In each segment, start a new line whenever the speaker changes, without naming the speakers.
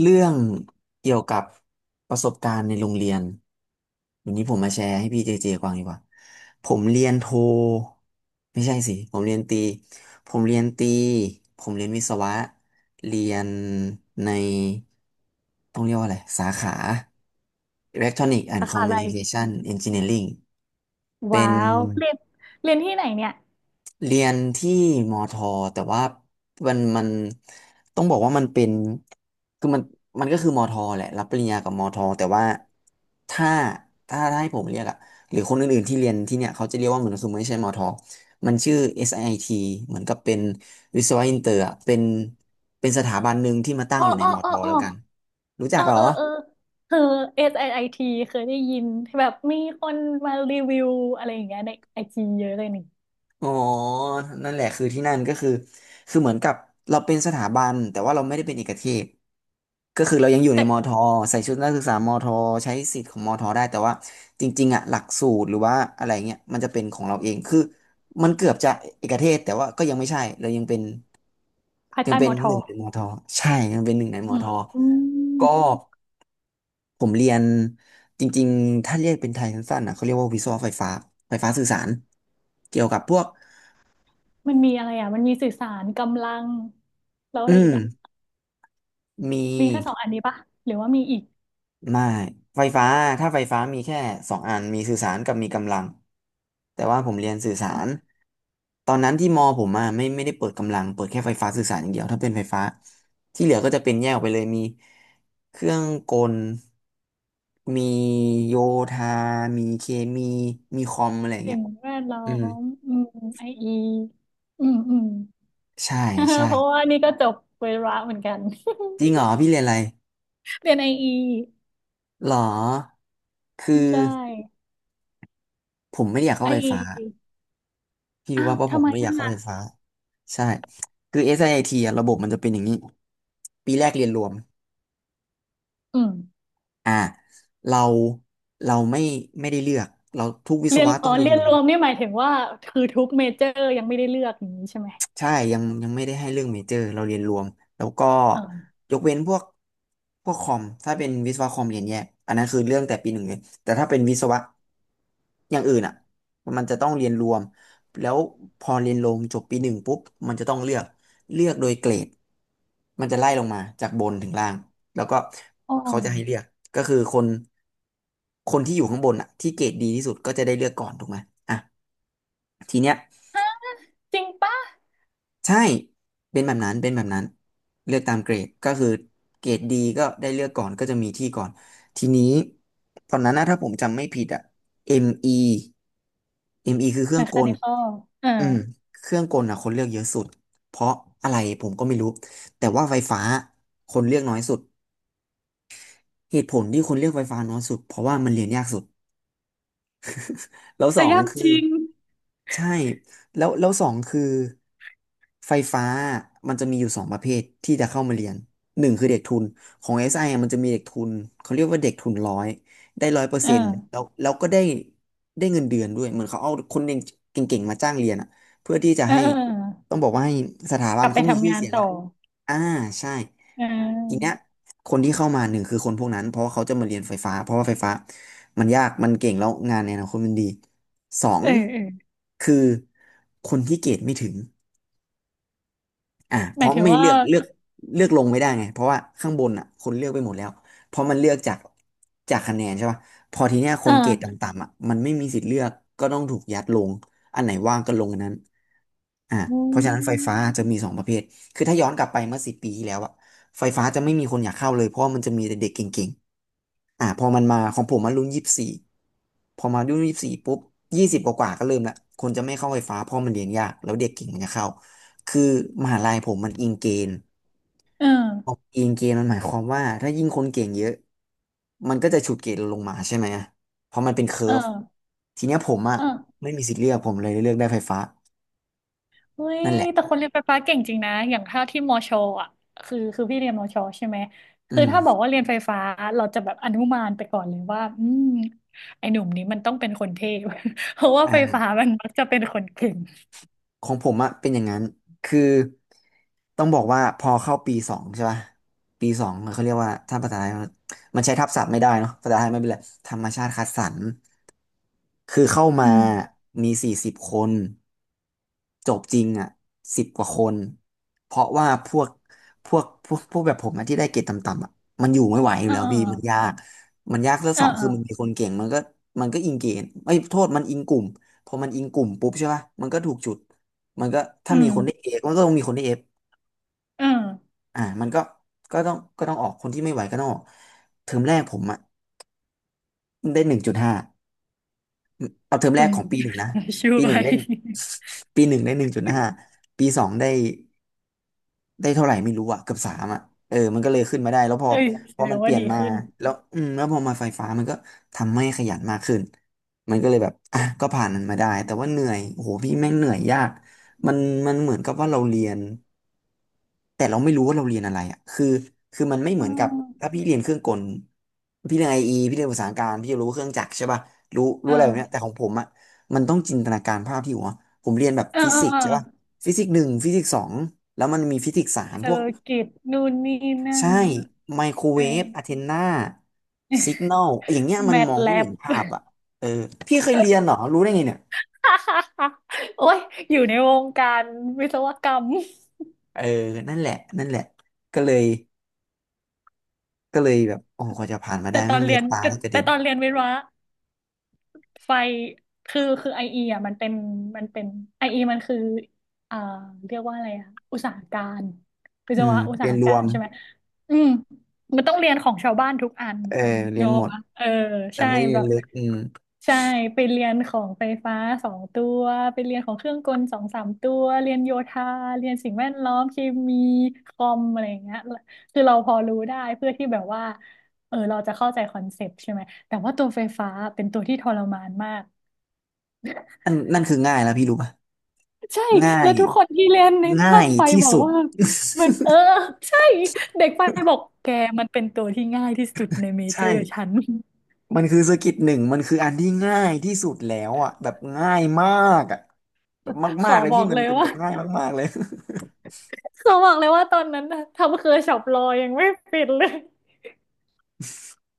เรื่องเกี่ยวกับประสบการณ์ในโรงเรียนวันนี้ผมมาแชร์ให้พี่เจเจฟังดีกว่าผมเรียนโทไม่ใช่สิผมเรียนตรีผมเรียนตรีผมเรียนวิศวะเรียนในต้องเรียกว่าอะไรสาขา Electronic and
สาขาอะไร
Communication Engineering เป็
ว้า
น
วเรียนเรียนที่ไหนเนี่ย
เรียนที่มอทอแต่ว่ามันต้องบอกว่ามันเป็นคือมันมันก็คือมอทอแหละรับปริญญากับมอทอแต่ว่าถ้าถ้าให้ผมเรียกอะหรือคนอื่นๆที่เรียนที่เนี่ยเขาจะเรียกว่าเหมือนคือไม่ใช่มอทอมันชื่อเอสไอทีเหมือนกับเป็นวิศวะอินเตอร์อะเป็นเป็นสถาบันหนึ่งที่มาตั้ง
อ๋อ
อยู่ใน
อ๋อ
มอท
อ๋อ
อ
อ๋อ
แล้วกันรู้จั
เอ
ก
อ
เหรอ
เออเออคือ s i t เคยได้ยินแบบมีคนมารีวิวอะไรอย่างเงี้ยในไอจีเยอะเลยนี่
อ๋อนั่นแหละคือที่นั่นก็คือคือเหมือนกับเราเป็นสถาบันแต่ว่าเราไม่ได้เป็นเอกเทศ ก็คือเรายังอยู่ในมอ
แต่
ทอใส่ชุดนักศึกษามอทอใช้สิทธิ์ของมอทอได้แต่ว่าจริงๆอ่ะหลักสูตรหรือว่าอะไรเงี้ยมันจะเป็นของเราเองคือมันเกือบจะเอกเทศแต่ว่าก็ยังไม่ใช่เรายังเป็น
ภาย
ยัง
ใต้
เป็
ม
น
อท
ห
อ
นึ่งในมอทอใช่ยังเป็นหนึ่งในม
อื
อท
ม
อ
อื
ก็
ม
ผมเรียนจริงๆถ้าเรียกเป็นไทยสั้นๆนะเขาเรียกว่าวิศวะไฟฟ้าไฟฟ้าสื่อสารเกี่ยวกับพวก
มันมีอะไรอ่ะ มันมีสื่อสารกำลังแล้ว
อื
อะไรอีก
ม
อ่ะ
มี
มีแค่สองอันนี้ปะ หรือว่ามีอีก
ไม่ไฟฟ้าถ้าไฟฟ้ามีแค่สองอันมีสื่อสารกับมีกำลังแต่ว่าผมเรียนสื่อสารตอนนั้นที่มอผมอ่ะไม่ได้เปิดกำลังเปิดแค่ไฟฟ้าสื่อสารอย่างเดียวถ้าเป็นไฟฟ้าที่เหลือก็จะเป็นแยกออกไปเลยมีเครื่องกลมีโยธามีเคมีมีคอมอะไรอย่างเงี้
สิ่
ย
งแวดล้อ
อืม
มไออีอืม อืม
ใช่ใช่
เพราะว่านี่ก็จบเวระเหมือนกัน
จริงเหรอพี่เรียนอะไร
เรียนไออี
หรอคือ
ใช่
ผมไม่ได้อยากเข้า
ไ
ไฟฟ้า
อ
พี่รู้
อ้า
ว่า
ว
เพราะผ
ทำ
ม
ไม
ไม่อ
อ่
ยากเข้า
ะ
ไฟฟ้าใช่คือ SIT อสไอทีอะระบบมันจะเป็นอย่างนี้ปีแรกเรียนรวม
อืม
อ่าเราเราไม่ไม่ได้เลือกเราทุกวิศ
เรียน
วะ
อ๋
ต้อ
อ
งเรียน
เรีย
ร
น
วม
รวมนี่หมายถึงว่าคือทุกเมเจอร์ยังไม่ได้เลือกอย่างนี้ใช่ไหม
ใช่ยังไม่ได้ให้เรื่องเมเจอร์เราเรียนรวมแล้วก็
อ๋อ
ยกเว้นพวกคอมถ้าเป็นวิศวะคอมเรียนแยกอันนั้นคือเรื่องแต่ปีหนึ่งเลยแต่ถ้าเป็นวิศวะ อย่างอื่นอ่ะมันจะต้องเรียนรวมแล้วพอเรียนรวมจบปีหนึ่งปุ๊บมันจะต้องเลือกเลือกโดยเกรดมันจะไล่ลงมาจากบนถึงล่างแล้วก็
อ๋อ
เขาจะให้เลือกก็คือคนที่อยู่ข้างบนอ่ะที่เกรดดีที่สุดก็จะได้เลือกก่อนถูกไหมอ่ะทีเนี้ย
ฮะจริงปะ
ใช่เป็นแบบนั้นเป็นแบบนั้นเลือกตามเกรดก็คือเกรดดีก็ได้เลือกก่อนก็จะมีที่ก่อนทีนี้ตอนนั้นนะถ้าผมจำไม่ผิดอ่ะ ME ME คือเครื่
แม
องก
คา
ล
นิคอลเออ
อืมเครื่องกลน่ะคนเลือกเยอะสุดเพราะอะไรผมก็ไม่รู้แต่ว่าไฟฟ้าคนเลือกน้อยสุดเหตุผลที่คนเลือกไฟฟ้าน้อยสุดเพราะว่ามันเรียนยากสุดแล้วส
แต่
อง
ยาก
คือ
จริง
ใช่แล้วสองคือไฟฟ้ามันจะมีอยู่สองประเภทที่จะเข้ามาเรียนหนึ่งคือเด็กทุนของ SI อสไออะมันจะมีเด็กทุนเขาเรียกว่าเด็กทุนร้อยได้ร้อยเปอร์
เอ
เซ็นต์แล้
อ
วแล้วก็ได้ได้เงินเดือนด้วยเหมือนเขาเอาคนเก่งเก่งๆมาจ้างเรียนอะเพื่อที่จะ
เออ
ให้
เออเอ
ต้
อ
องบอกว่าให้สถาบั
ก
น
ลับไป
เขามี
ทำ
ชื่อ
งาน
เสียง
ต่
อะ
อ
อ่าใช่
เ
ทีเนี้ย
ออ
คนที่เข้ามาหนึ่งคือคนพวกนั้นเพราะว่าเขาจะมาเรียนไฟฟ้าเพราะว่าไฟฟ้ามันยากมันเก่งแล้วงานในอนาคตมันดีสอง
เออเออ
คือคนที่เกรดไม่ถึง อ่าเพ
หมาย
ราะ
ถึง
ไม่
ว่า
เลือกเลือกเลือกลงไม่ได้ไงเพราะว่าข้างบนอ่ะคนเลือกไปหมดแล้วเพราะมันเลือกจากจากคะแนนใช่ป่ะพอทีเนี้ยค
เอ
นเกรด
อ
ต่ำๆอ่ะมันไม่มีสิทธิ์เลือกก็ต้องถูกยัดลงอันไหนว่างก็ลงอันนั้นอ่า
อื
เพราะฉะนั้นไฟฟ้า
ม
จะมีสองประเภทคือถ้าย้อนกลับไปเมื่อ10 ปีที่แล้วอ่ะไฟฟ้าจะไม่มีคนอยากเข้าเลยเพราะว่ามันจะมีแต่เด็กเก่ง พอมันมาของผมมันรุ่นยี่สิบสี่พอมารุ่นยี่สิบสี่ปุ๊บยี่สิบกว่าๆก็เริ่มละคนจะไม่เข้าไฟฟ้าเพราะมันเรียนยากแล้วเด็กเก่งมันจะเข้าคือมหาลัยผมมันอิงเกณฑ์
เออ
พออิงเกณฑ์มันหมายความว่าถ้ายิ่งคนเก่งเยอะมันก็จะฉุดเกรดเราลงมาใช่ไหมเพราะมันเป็นเคอ
เอ
ร์ฟ
อ
ทีเนี้ยผมอ่ะ
เออ
ไม่มีสิทธิ์เลือกผมเลยเลือกได้ไฟฟ้า
เฮ้ย
นั่นแหละ
แต่คนเรียนไฟฟ้าเก่งจริงนะ อย่างถ้าที่มอชออ่ะคือพี่เรียนมอชอใช่ไหม
อื
คือถ้าบอก
ม
ว่าเรียนไฟฟ้าเราจะแบบอนุมานไปก่อนเลยว่าอืมไอ้หนุ่มนี้มันต้องเป็นคนเทพ เพราะว่าไฟฟ้า
อ่า
มันมักจะเป็นคนเก่ง
ของผมอะเป็นอย่างนั้น คือต้องบอกว่าพอเข้าปีสองใช่ป่ะปีสองเขาเรียกว่าถ้าภาษาไทยมันใช้ทับศัพท์ไม่ได้เนาะภาษาไทยไม่เป็นไรธรรมชาติคัดสรร คือเข้ามา
อืม
มี40คนจบจริงอ่ะสิบกว่าคนเพราะว่าพวกแบบผมอะที่ได้เกรดต่ำๆอ่ะมันอยู่ไม่ไหวอยู่
เออ
แล้ว
เออ
พี่มันยากมันยากแล้ว
เอ
ส
อ
อง
เอ
คื
อ
อมันมีคนเก่งมันก็อิงเกณฑ์ไอ้ยโทษมันอิงกลุ่มพอมันอิงกลุ่มปุ๊บใช่ป่ะมันก็ถูกจุดมันก็ถ้า
อื
มีคนได้
ม
เอมันก็ต้องมีคนได้เอฟ
เออ
มันก็ก็ต้องออกคนที่ไม่ไหวก็ต้องออกเทอมแรกผมอ่ะได้หนึ่งจุดห้า เอาเทอมแร
คุ
ก
ณ
ของปีหนึ่งนะ
ช่
ปีห
ว
นึ่ง
ย
ได้ ปีหนึ่งได้หนึ่งจุดห้าปีสองได้เท่าไหร่ไม่รู้อะเกือบสามอะเออมันก็เลยขึ้นมาได้แล้วพอ
เอ้ยแส
พอ
ด
มั
ง
นเป
ว่า
ลี่ยน
ดี
มา
ขึ้น
แล้วอืมแล้วพอมาไฟฟ้ามันก็ทำให้ขยันมากขึ้นมันก็เลยแบบอ่ะก็ผ่านมันมาได้แต่ว่าเหนื่อยโอ้โหพี่แม่งเหนื่อยยากมันมันเหมือนกับว่าเราเรียน แต่เราไม่รู้ว่าเราเรียนอะไรอ่ะคือมันไม่
เอ
เหมือนกับถ้า
อ
พี่เรียนเครื่องกลพี่เรียนไอเอพี่เรียนภาษาการพี่จะรู้เครื่องจักรใช่ป่ะรู้
เอ
อะไรแบบเนี้ยแต่ขอ
อ
งผมอ่ะมันต้องจินตนาการภาพที่หัวผมเรียนแบบ
เออ
ฟิ
เออ
สิก
เอ
ส์
อ
ใช่ป่ะฟิสิกส์หนึ่งฟิสิกส์สองแล้วมันมีฟิสิกส์สาม
เซอ
พวก
ร์กิตนู่นนี่นั่
ใช่
น
ไมโคร
เอ
เวฟอะเท
อ
นนาสิกนลอย่างเงี้ยมั
แม
น
ท
มอง
แล
ไม่
บ
เห็นภาพอ่ะเออพี่เคยเรียนเหรอรู้ได้ไงเนี่ย
โอ้ยอยู่ในวงการวิศวกรรม
เออนั่นแหละนั่นแหละก็เลยก็เลยแบบโอ้โหกว่าจะผ่านมาได้
แต่ตอ
แม่
น
งเลื
เรี
อ
ย
ด
น
ตา
แต่
แทบกระเด็
แต่
น
ตอนเรียนวิศวะ ไฟคือไอเอ่ะมันเป็นไอเอมันคืออ่าเรียกว่าอะไรอะอุตสาหการวิ
อื
ศ
ม
วะอุตสา
เรียน
ห
ร
กา
ว
ร
ม
ใช่ไหมอืมมันต้องเรียนของชาวบ้านทุกอัน
เออเรี
เน
ย
ก
นหม
อะ
ด
ปะเออ
แต่
ใช่
ไม่ได้เรี
แบ
ยน
บ
ลึกอืม
ใช่ไปเรียนของไฟฟ้าสองตัวไปเรียนของเครื่องกลสองสามตัวเรียนโยธาเรียนสิ่งแวดล้อมเคมีคอมอะไรอย่างเงี้ยคือเราพอรู้ได้เพื่อที่แบบว่าเออเราจะเข้าใจคอนเซปต์ใช่ไหม แต่ว่าตัวไฟฟ้าเป็นตัวที่ทรมานมาก
นั่นนั่นคือง่ายแล้วพี่รู้ป่ะ
ใช่
ง่า
แล้
ย
วทุกคนที่เล่นใน
ง่า
ภาค
ย
ไฟ
ที่
บอก
สุด
ว่ามันเออใช่เด็กไฟบอกแกมันเป็นตัวที่ง่ายที่สุดในเม
ใช่
เจอร์ฉัน
มันคือสกิลหนึ่งมันคืออันที่ง่ายที่สุดแล้วอ่ะแบบง่ายมากอ่ะแบบ
ข
มา
อ
กๆเลย
บอ
พี่
ก
มั
เล
น
ย
เป็นแบ
ว่า
บง่ายมากๆเลย
ขอบอกเลยว่าตอนนั้นนะทำเคอร์ช็อปรอยังไม่ปิดเลย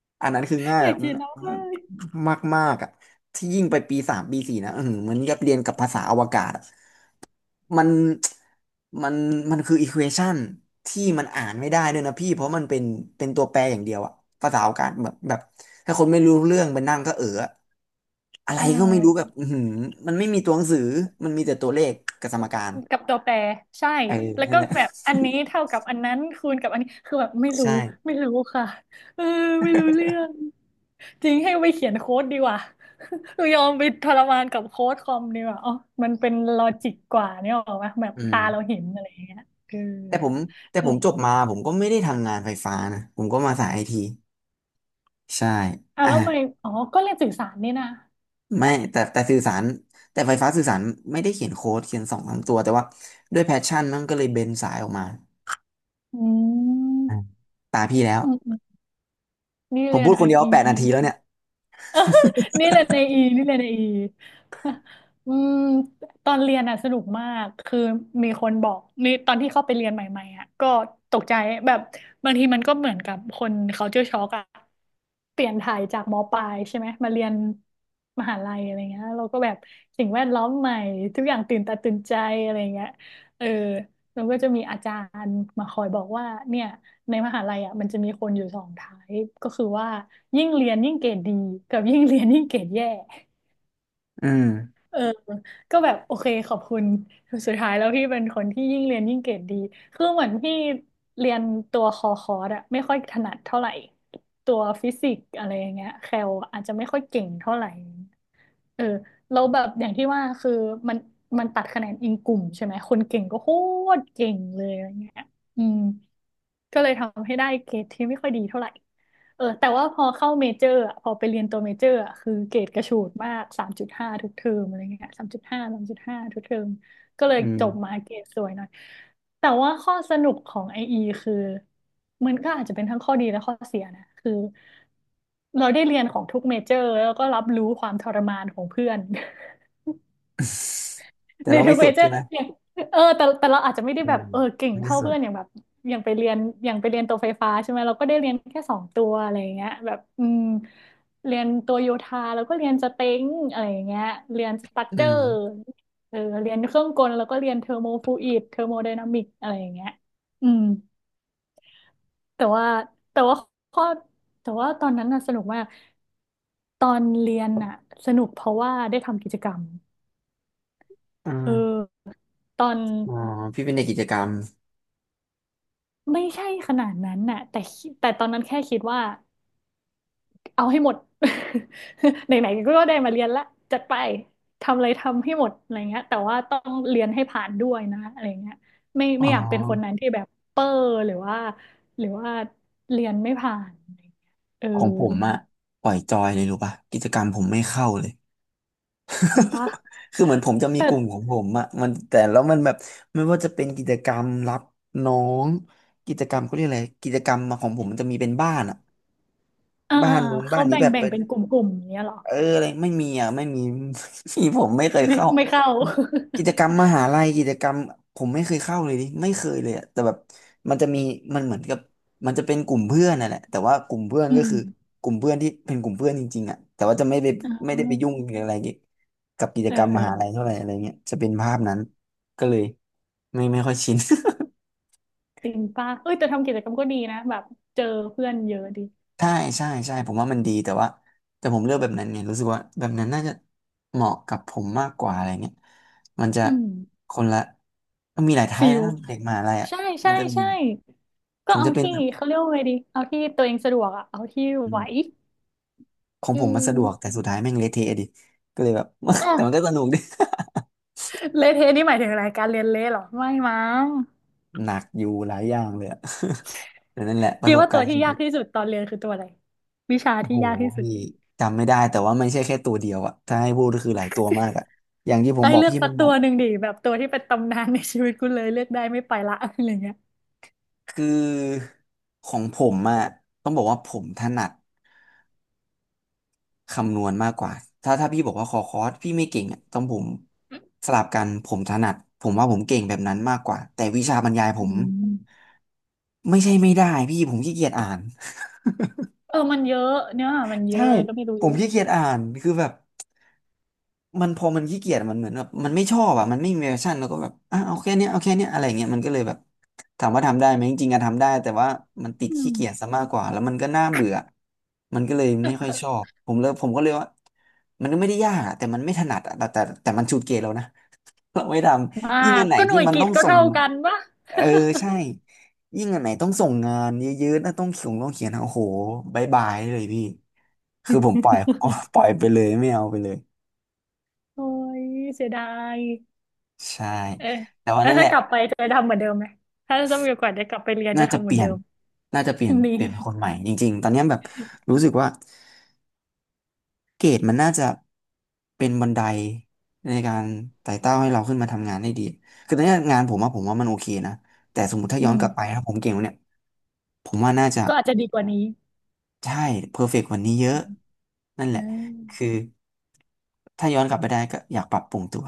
อันนั้นคือง่าย
อ
แบ
ยาก
บ
กินแล้วเลย
มากมากๆอ่ะที่ยิ่งไปปีสามปีสี่นะเออเหมือนกับเรียนกับภาษาอวกาศอะ มัน มันมันคืออีควอชันที่มันอ่านไม่ได้ด้วยนะพี่เพราะมันเป็นเป็นตัวแปรอย่างเดียวอะภาษาโอากาศแบบถ้าคนไม่รู้เรื่องไปนั่งก็เอออะอะไร
อื
ก็
ม
ไม่รู้แบบอือหือมันไม่มีตัวหนังสือมันมีแต่ตัวเลขกับสมการ
กับตัวแปรใช่
เออ
แล้ว
นั่
ก็
นแหละ
แบบอันนี้เท่ากับอันนั้นคูณกับอันนี้คือแบบไม่ รู้
ใช่
ค่ะเออไม่รู้เรื่องจริงให้ไปเขียนโค้ดดีกว่า หนูยอมไปทรมานกับโค้ดคอมดีกว่าอ๋อมันเป็นลอจิกกว่าเนี่ยหรอวะแบบ
อื
ตา
ม
เราเห็นอะไรอย่างเงี้ยเออ
แต่ผมแต่ผมจบมาผมก็ไม่ได้ทำงานไฟฟ้านะผมก็มาสายไอทีใช่
อ่ะ
อ่ะ
แล้วไปอ๋อก็เรียนสื่อสารนี่นะ
ไม่แต่สื่อสารแต่ไฟฟ้าสื่อสารไม่ได้เขียนโค้ดเขียนสองสามตัวแต่ว่าด้วยแพชชั่นมันก็เลยเบนสายออกมา
อื
อ่ะ
ม
ตาพี่แล้ว
อืมอืมนี่
ผม
เรีย
พู
น
ดค
ไอ
นเดียว8นาทีแล้วเนี่ย
นี่เลยในอีนี่เลยในอี อืมตอนเรียนอ่ะสนุกมากคือมีคนบอกนี่ตอนที่เข้าไปเรียนใหม่ๆอ่ะก็ตกใจแบบบางทีมันก็เหมือนกับคน culture shock อ่ะเปลี่ยนถ่ายจากมปลายใช่ไหมมาเรียนมหาลัยอะไรเงี้ยเราก็แบบสิ่งแวดล้อมใหม่ทุกอย่างตื่นตาตื่นใจอะไรเงี้ยเออ แล้วก็จะมีอาจารย์มาคอยบอกว่าเนี่ยในมหาลัยอ่ะมันจะมีคนอยู่สองไทป์ก็คือว่ายิ่งเรียนยิ่งเกรดดีกับยิ่งเรียนยิ่งเกรดแย่
อืม
เออก็แบบโอเคขอบคุณสุดท้ายแล้วพี่เป็นคนที่ยิ่งเรียนยิ่งเกรดดีคือเหมือนพี่เรียนตัวคอร์สอะไม่ค่อยถนัดเท่าไหร่ตัวฟิสิกส์อะไรอย่างเงี้ยแคลอาจจะไม่ค่อยเก่งเท่าไหร่ เออแล้วแบบอย่างที่ว่าคือมันมันตัดคะแนนอิงกลุ่มใช่ไหมคนเก่งก็โคตรเก่งเลยอะไรเงี้ยอืม ก็เลยทำให้ได้เกรดที่ไม่ค่อยดีเท่าไหร่เออแต่ว่าพอเข้าเมเจอร์อะพอไปเรียนตัวเมเจอร์อะคือเกรดกระฉูดมากสามจุดห้าทุกเทอมอะไรเงี้ยสามจุดห้าสามจุดห้าทุกเทอม ก็เลย
อืม
จบมาเกรดสวยหน่อย แต่ว่าข้อสนุกของไออีคือมันก็อาจจะเป็นทั้งข้อดีและข้อเสียนะ คือเราได้เรียนของทุกเมเจอร์แล้วก็รับรู้ความทรมานของเพื่อน
แต่
ใน
เรา
ทุ
ไม่
กเม
สุด
เจอ
ใช่
ร์
ไห
อ
ม
ย่างเออแต่เราอาจจะไม่ได้
อื
แบ
ม
บเออเก่ง
ไม่
เท่า
สุ
เพื่อนอย่า
ด
งแบบอย่างไปเรียนอย่างไปเรียนตัวไฟฟ้าใช่ไหมเราก็ได้เรียนแค่สองตัวอะไรอย่างเงี้ยแบบอืมเรียนตัวโยธาแล้วก็เรียนสเต็งอะไรอย่างเงี้ยเรียนสตรัค
อื
เจอร์
ม
เออเรียนเครื่องกลแล้วก็เรียนเทอร์โมฟลูอิดเทอร์โมไดนามิกอะไรอย่างเงี้ยอืมแต่ว่าแต่ว่าข้อแต่ว่าตอนนั้นน่ะสนุกมากตอนเรียนน่ะสนุกเพราะว่าได้ทำกิจกรรม
อ่
เอ
า
อตอน
อ๋อพี่เป็นเด็กกิจกรรม
ไม่ใช่ขนาดนั้นน่ะแต่ตอนนั้นแค่คิดว่าเอาให้หมด ไหนๆก็ได้มาเรียนละจัดไปทำอะไรทำให้หมดอะไรเงี้ยแต่ว่าต้องเรียนให้ผ่านด้วยนะอะไรเงี้ยไม่
อ๋อ
ไม่อยากเป็นคนนั้นที่แบบเปอร์หรือว่าหรือว่าเรียนไม่ผ่านอะไรเงี้ยเออ
ของผมอะปล่อยจอยเลยรู้ป่ะกิจกรรมผมไม่เข้าเลย
จริงปะ
คือเหมือนผมจะมี
แต่
กลุ่มของผมอะมันแต่แล้วมันแบบไม่ว่าจะเป็นกิจกรรมรับน้องกิจกรรมเขาเรียกอะไรกิจกรรมมาของผมมันจะมีเป็นบ้านอะ
เออเอ
บ้า
อ
น
เออ
นู้นบ้า
เขา
นนี้
แบ่ง
แบบ
แบ่ง
เป็น
เป็นกลุ่มๆอย่างเงี้ยเหรอ
เอออะไรไม่มีอ่ะไม่มี ที่ผมไม่เคย
ไม่
เข้า
ไม่เข้า
กิจกรรมมหาลัยกิจกรรมผมไม่เคยเข้าเลยดิไม่เคยเลยอ่ะแต่แบบมันจะมีมันเหมือนกับมันจะเป็นกลุ่มเพื่อนน่ะแหละแต่ว่ากลุ่มเพื่อน
อื
ก็
ม
คือกลุ่มเพื่อนที่เป็นกลุ่มเพื่อนจริงๆอ่ะแต่ว่าจะไม่ไป
อ
ไม่
่
ได้ไปยุ่งหรืออะไรเกี่ยวกับกิจ
เออ
กรรม
เอ
ม
อ
หาลัยเท่าไหร่อะไรเงี้ยจะเป็นภาพนั้นก็เลยไม่ค่อยชิน
จริงป่ะเอ้ยแต่ทำกิจกรรมก็ดีนะแบบเจอเพื่อนเยอะดี
ใช่ใช่ใช่ผมว่ามันดีแต่ว่าแต่ผมเลือกแบบนั้นไงรู้สึกว่าแบบนั้นน่าจะเหมาะกับผมมากกว่าอะไรเงี้ยมันจะ
อืม
คนละมันมีหลายไท
ฟิ
ป์แล้ว
ล
นะเด็กมหาลัยอ่ะ
ใช่
มั
ใช่
นจะมี
ใช่
ผ
ก็
ม
เอา
จะเป็น
ที่
แบบ
เขาเรียกว่าไงดีเอาที่ตัวเองสะดวกอะเอาที่
อื
ไหว
มของ
อื
ผมมันสะดวกแต่
ม
สุดท้ายแม่งเละเทะดิก็เลยแบบ แต่มันก็
อ่ะ
สนุกดิ
เละเทะนี่หมายถึงอะไรการเรียนเละเหรอไม่มั้ง
หนักอยู่หลายอย่างเลยอะ แต่นั่นแหละป
คิ
ระ
ด
สบ
ว่าตั
การ
ว
ณ์
ที่
ชี
ยา
วิ
ก
ต
ที่สุดตอนเรียนคือตัวอะไรวิชา
โอ้
ที่
โห
ยากที่สุด
พี่จำไม่ได้แต่ว่ามันไม่ใช่แค่ตัวเดียวอ่ะถ้าให้พูดก็คือหลายตัวมากอ่ะอย่างที่ผม
ไอ้
บ
ย
อก
เลือก
พี่
สั
มั
ก
นหม
ตัว
ด
หนึ่งดิแบบตัวที่เป็นตำนานในชีวิตกูเลยเลือกได้ไม่ไปละอะไรเงี้ย
คือของผมอะต้องบอกว่าผมถนัดคำนวณมากกว่าถ้าถ้าพี่บอกว่าขอคอร์สพี่ไม่เก่งอะต้องผมสลับกันผมถนัดผมว่าผมเก่งแบบนั้นมากกว่าแต่วิชาบรรยายผม
อืม
ไม่ได้พี่ผมขี้เกียจอ่าน
เออมันเยอะเนื้อหามัน เย
ใช่
อะอะไรก็ไม่รู้
ผ
เย
ม
อะ
ขี้เกียจอ่านคือแบบ มันพอมันขี้เกียจมันเหมือนแบบมันไม่ชอบอ่ะมันไม่มีแพชชั่นแล้วก็แบบอ่ะเอาแค่เนี้ยเอาแค่เนี้ยอะไรเงี้ยมันก็เลยแบบถามว่าทำได้ไหมจริงๆอะทำได้แต่ว่ามันติด
อื
ขี้
ม
เกียจซะมากกว่าแล้วมันก็น่าเบื่อมันก็เลยไม่ค่อยชอบผมเลยผมก็เลยว่ามันไม่ได้ยากอะแต่มันไม่ถนัดอะแต่มันชูดเกยเรานะ เราไม่ท
ม
ำยิ่
า
ง
ก
อันไหน
ก็ห
ที่
น่วย
มัน
กิ
ต้
ต
อง
ก็
ส่ง
เท่ากันปะ
เออใช่ยิ่งอันไหนต้องส่งงานเยอะๆนะต้องเขียนต้องเขียนอะโอ้โหบายบายเลยพี่คือผมปล่อย ปล่อยไปเลยไม่เอาไปเลย
โอ้ยเสียดาย
ใช่
เออ
แต่ว่า
แล้ว
นั่นแห
ถ้า
ละ
กลับไปจะทำเหมือนเดิมไหม ถ้าจะมีโอกาสได้กลับไปเรียน
น่า
จะ
จะ
ทำเห
เป
มือน
ลี่ย
เดิ
น
ม
น่าจะเปลี่ยน
นี่
เปลี่ยนคนใหม่จริงๆตอนเนี้ยแบบรู้สึกว่าเกรดมันน่าจะเป็นบันไดในการไต่เต้าให้เราขึ้นมาทำงานได้ดีคือตอนเนี้ยงานผมว่ามันโอเคนะแต่สมมติถ้า
อื
ย้อน
ม
กลับไปถ้าผมเก่งกว่าเนี่ยผมว่าน่าจะ
ก็อาจจะดีกว่านี้
ใช่เพอร์เฟกต์กวันนี้เยอะนั่นแห
อ่
ละคือ
า
ถ้าย้อนกลับไปได้ก็อยากปรับปรุงตัว